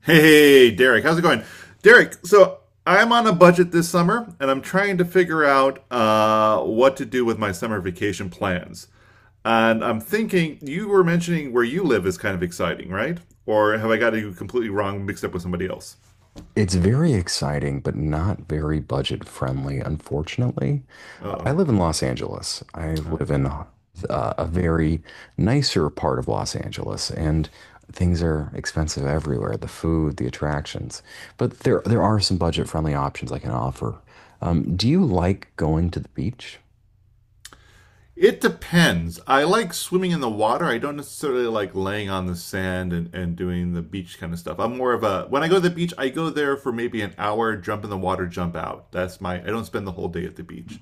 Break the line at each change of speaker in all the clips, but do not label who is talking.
Hey, hey, hey, Derek, how's it going? Derek, so I'm on a budget this summer and I'm trying to figure out what to do with my summer vacation plans. And I'm thinking, you were mentioning where you live is kind of exciting, right? Or have I got you completely wrong, mixed up with somebody else?
It's very exciting, but not very budget friendly, unfortunately.
Uh
I
oh.
live in Los Angeles. I
Oh.
live in a very nicer part of Los Angeles, and things are expensive everywhere, the food, the attractions. But there are some budget friendly options I can offer. Do you like going to the beach?
It depends. I like swimming in the water. I don't necessarily like laying on the sand and doing the beach kind of stuff. I'm more of a When I go to the beach, I go there for maybe an hour, jump in the water, jump out. That's my I don't spend the whole day at the beach.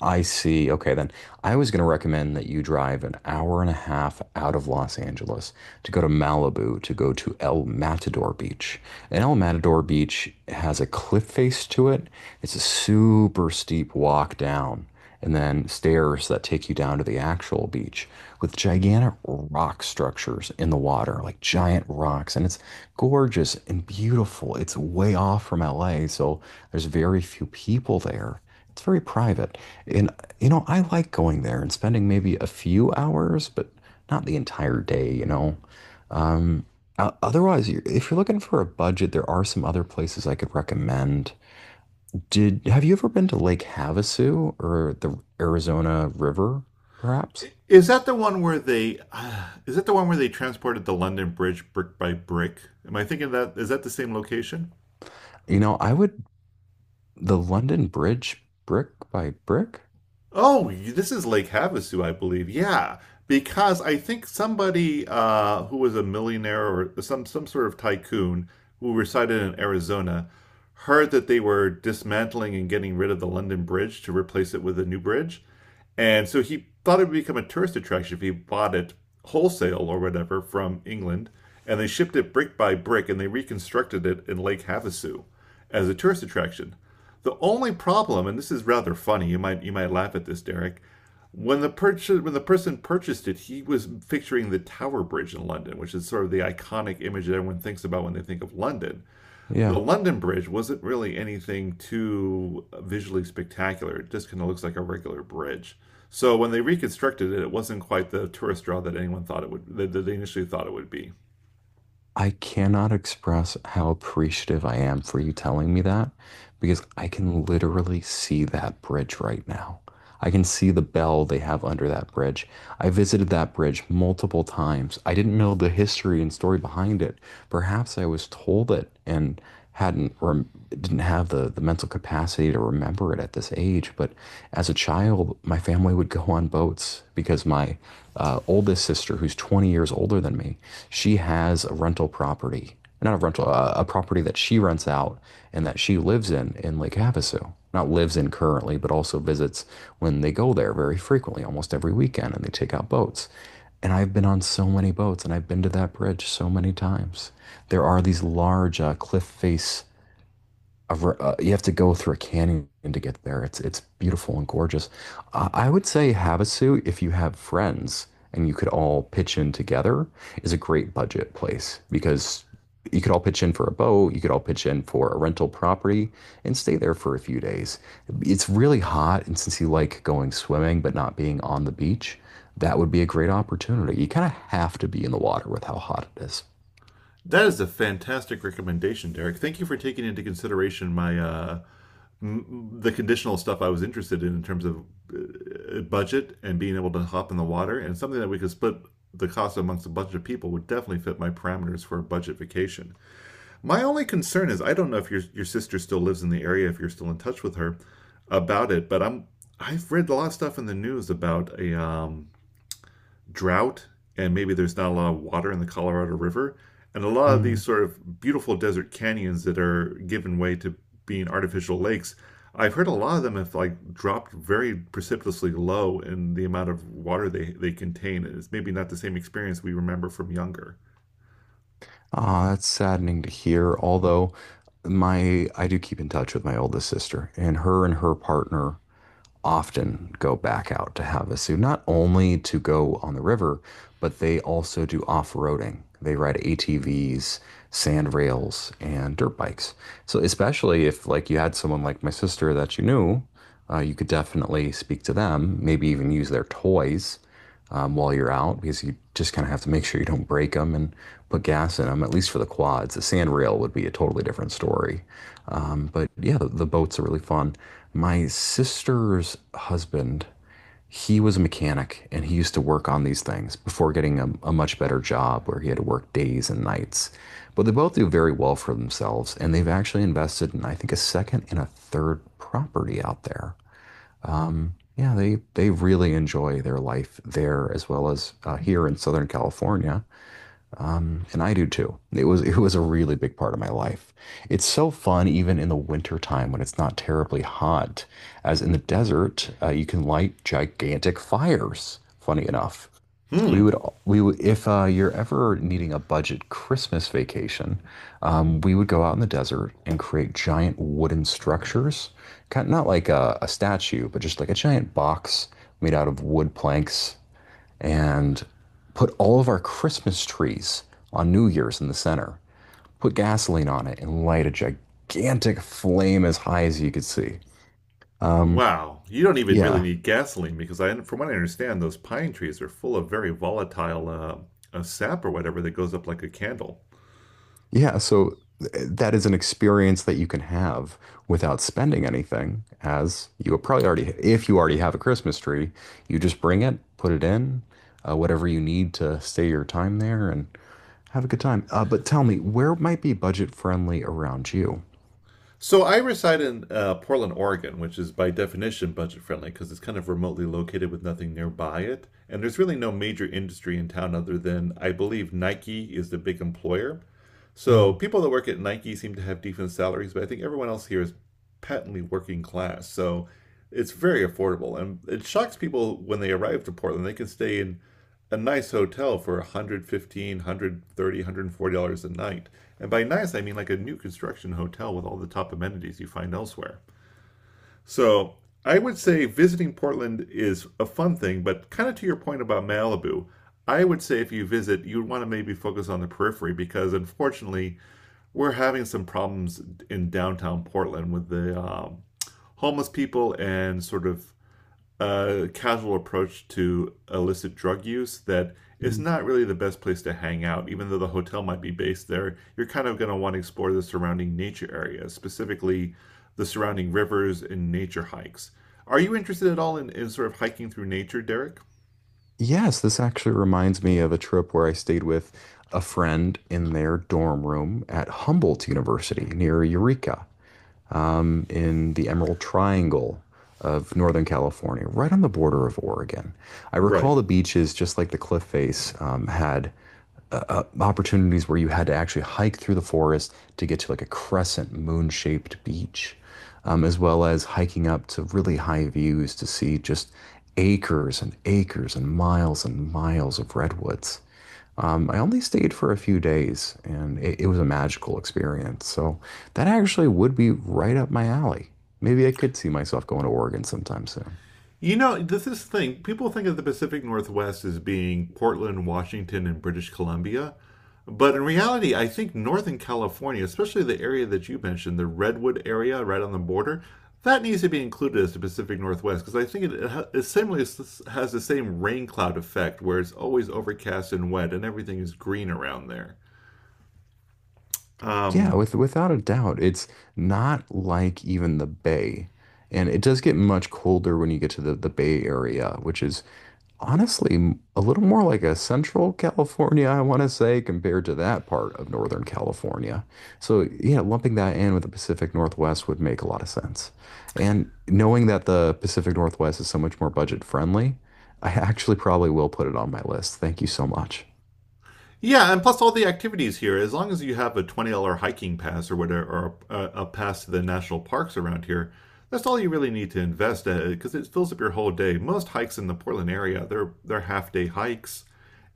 I see. Okay, then I was going to recommend that you drive an hour and a half out of Los Angeles to go to Malibu to go to El Matador Beach. And El Matador Beach has a cliff face to it. It's a super steep walk down and then stairs that take you down to the actual beach with gigantic rock structures in the water, like giant rocks. And it's gorgeous and beautiful. It's way off from LA, so there's very few people there. It's very private. And you know, I like going there and spending maybe a few hours, but not the entire day. Um, otherwise, if you're looking for a budget, there are some other places I could recommend. Did have you ever been to Lake Havasu or the Arizona River, perhaps?
Is that the one where they is that the one where they transported the London Bridge brick by brick? Am I thinking that is that the same location?
You know, I would the London Bridge, brick by brick.
Oh, this is Lake Havasu, I believe. Yeah, because I think somebody who was a millionaire or some sort of tycoon who resided in Arizona heard that they were dismantling and getting rid of the London Bridge to replace it with a new bridge, and so he thought it would become a tourist attraction if he bought it wholesale or whatever from England, and they shipped it brick by brick and they reconstructed it in Lake Havasu as a tourist attraction. The only problem, and this is rather funny, you might laugh at this, Derek. When the person purchased it, he was picturing the Tower Bridge in London, which is sort of the iconic image that everyone thinks about when they think of London. The
Yeah.
London Bridge wasn't really anything too visually spectacular. It just kind of looks like a regular bridge. So when they reconstructed it, it wasn't quite the tourist draw that anyone thought it would that they initially thought it would be.
I cannot express how appreciative I am for you telling me that because I can literally see that bridge right now. I can see the bell they have under that bridge. I visited that bridge multiple times. I didn't know the history and story behind it. Perhaps I was told it and hadn't rem- didn't have the mental capacity to remember it at this age. But as a child, my family would go on boats because my oldest sister, who's 20 years older than me, she has a rental property, not a rental, a property that she rents out and that she lives in Lake Havasu. Not lives in currently, but also visits when they go there very frequently, almost every weekend, and they take out boats. And I've been on so many boats and I've been to that bridge so many times there are these large cliff face of, you have to go through a canyon to get there. It's beautiful and gorgeous. I would say Havasu, if you have friends and you could all pitch in together, is a great budget place because you could all pitch in for a boat, you could all pitch in for a rental property and stay there for a few days. It's really hot, and since you like going swimming but not being on the beach, that would be a great opportunity. You kind of have to be in the water with how hot it is.
That is a fantastic recommendation, Derek. Thank you for taking into consideration my the conditional stuff I was interested in terms of budget and being able to hop in the water and something that we could split the cost amongst a bunch of people would definitely fit my parameters for a budget vacation. My only concern is I don't know if your sister still lives in the area if you're still in touch with her about it, but I've read a lot of stuff in the news about a drought and maybe there's not a lot of water in the Colorado River. And a lot of
Hmm.
these sort of beautiful desert canyons that are given way to being artificial lakes, I've heard a lot of them have like dropped very precipitously low in the amount of water they contain. And it's maybe not the same experience we remember from younger.
Ah, that's saddening to hear. Although my I do keep in touch with my oldest sister, and her partner often go back out to Havasu, not only to go on the river, but they also do off-roading. They ride ATVs, sand rails, and dirt bikes. So especially if like you had someone like my sister that you knew, you could definitely speak to them, maybe even use their toys while you're out because you just kind of have to make sure you don't break them and put gas in them, at least for the quads. The sand rail would be a totally different story. But yeah, the boats are really fun. My sister's husband, he was a mechanic and he used to work on these things before getting a much better job where he had to work days and nights. But they both do very well for themselves and they've actually invested in, I think, a second and a third property out there. Yeah, they really enjoy their life there as well as here in Southern California, and I do too. It was a really big part of my life. It's so fun even in the winter time when it's not terribly hot, as in the desert, you can light gigantic fires, funny enough,
Hmm.
we would we would if you're ever needing a budget Christmas vacation, we would go out in the desert and create giant wooden structures, kind of not like a statue, but just like a giant box made out of wood planks, and put all of our Christmas trees on New Year's in the center. Put gasoline on it and light a gigantic flame as high as you could see. Um,
Wow. You don't even really
yeah,
need gasoline because I, from what I understand, those pine trees are full of very volatile sap or whatever that goes up like a candle.
Yeah, that is an experience that you can have without spending anything, as you will probably already, if you already have a Christmas tree, you just bring it, put it in, whatever you need to stay your time there and have a good time. But tell me, where might be budget friendly around you?
So I reside in Portland, Oregon, which is by definition budget friendly because it's kind of remotely located with nothing nearby it. And there's really no major industry in town other than I believe Nike is the big employer. So
Mm.
people that work at Nike seem to have decent salaries, but I think everyone else here is patently working class. So it's very affordable, and it shocks people when they arrive to Portland. They can stay in a nice hotel for 115 130 $140, $130, $140 a night. And by nice I mean like a new construction hotel with all the top amenities you find elsewhere. So I would say visiting Portland is a fun thing, but kind of to your point about Malibu, I would say if you visit you would want to maybe focus on the periphery because unfortunately we're having some problems in downtown Portland with the homeless people and sort of a casual approach to illicit drug use that it's not really the best place to hang out. Even though the hotel might be based there, you're kind of going to want to explore the surrounding nature areas, specifically the surrounding rivers and nature hikes. Are you interested at all in sort of hiking through nature, Derek?
Yes, this actually reminds me of a trip where I stayed with a friend in their dorm room at Humboldt University near Eureka, in the Emerald Triangle of Northern California, right on the border of Oregon. I
Right.
recall the beaches, just like the cliff face, had opportunities where you had to actually hike through the forest to get to like a crescent moon shaped beach, as well as hiking up to really high views to see just acres and acres and miles of redwoods. I only stayed for a few days and it was a magical experience. So that actually would be right up my alley. Maybe I could see myself going to Oregon sometime soon.
You know, this is the thing. People think of the Pacific Northwest as being Portland, Washington, and British Columbia. But in reality, I think Northern California, especially the area that you mentioned, the Redwood area right on the border, that needs to be included as the Pacific Northwest because I think it similarly has the same rain cloud effect where it's always overcast and wet and everything is green around there.
Yeah,
Um,
without a doubt, it's not like even the Bay. And it does get much colder when you get to the Bay Area, which is honestly a little more like a Central California, I want to say, compared to that part of Northern California. So, yeah, lumping that in with the Pacific Northwest would make a lot of sense. And knowing that the Pacific Northwest is so much more budget friendly, I actually probably will put it on my list. Thank you so much.
Yeah, and plus all the activities here. As long as you have a $20 hiking pass or whatever, or a pass to the national parks around here, that's all you really need to invest in because it fills up your whole day. Most hikes in the Portland area, they're half day hikes,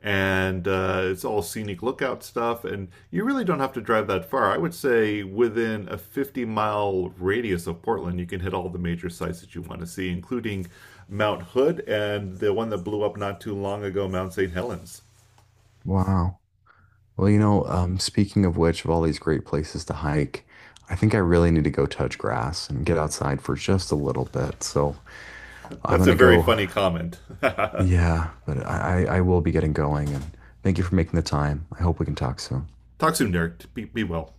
and it's all scenic lookout stuff, and you really don't have to drive that far. I would say within a 50 mile radius of Portland, you can hit all the major sites that you want to see, including Mount Hood and the one that blew up not too long ago, Mount St. Helens.
Wow. Well, you know, speaking of which, of all these great places to hike, I think I really need to go touch grass and get outside for just a little bit. So I'm
That's a
gonna
very
go
funny comment.
yeah, but I will be getting going and thank you for making the time. I hope we can talk soon.
Talk soon, Derek. Be well.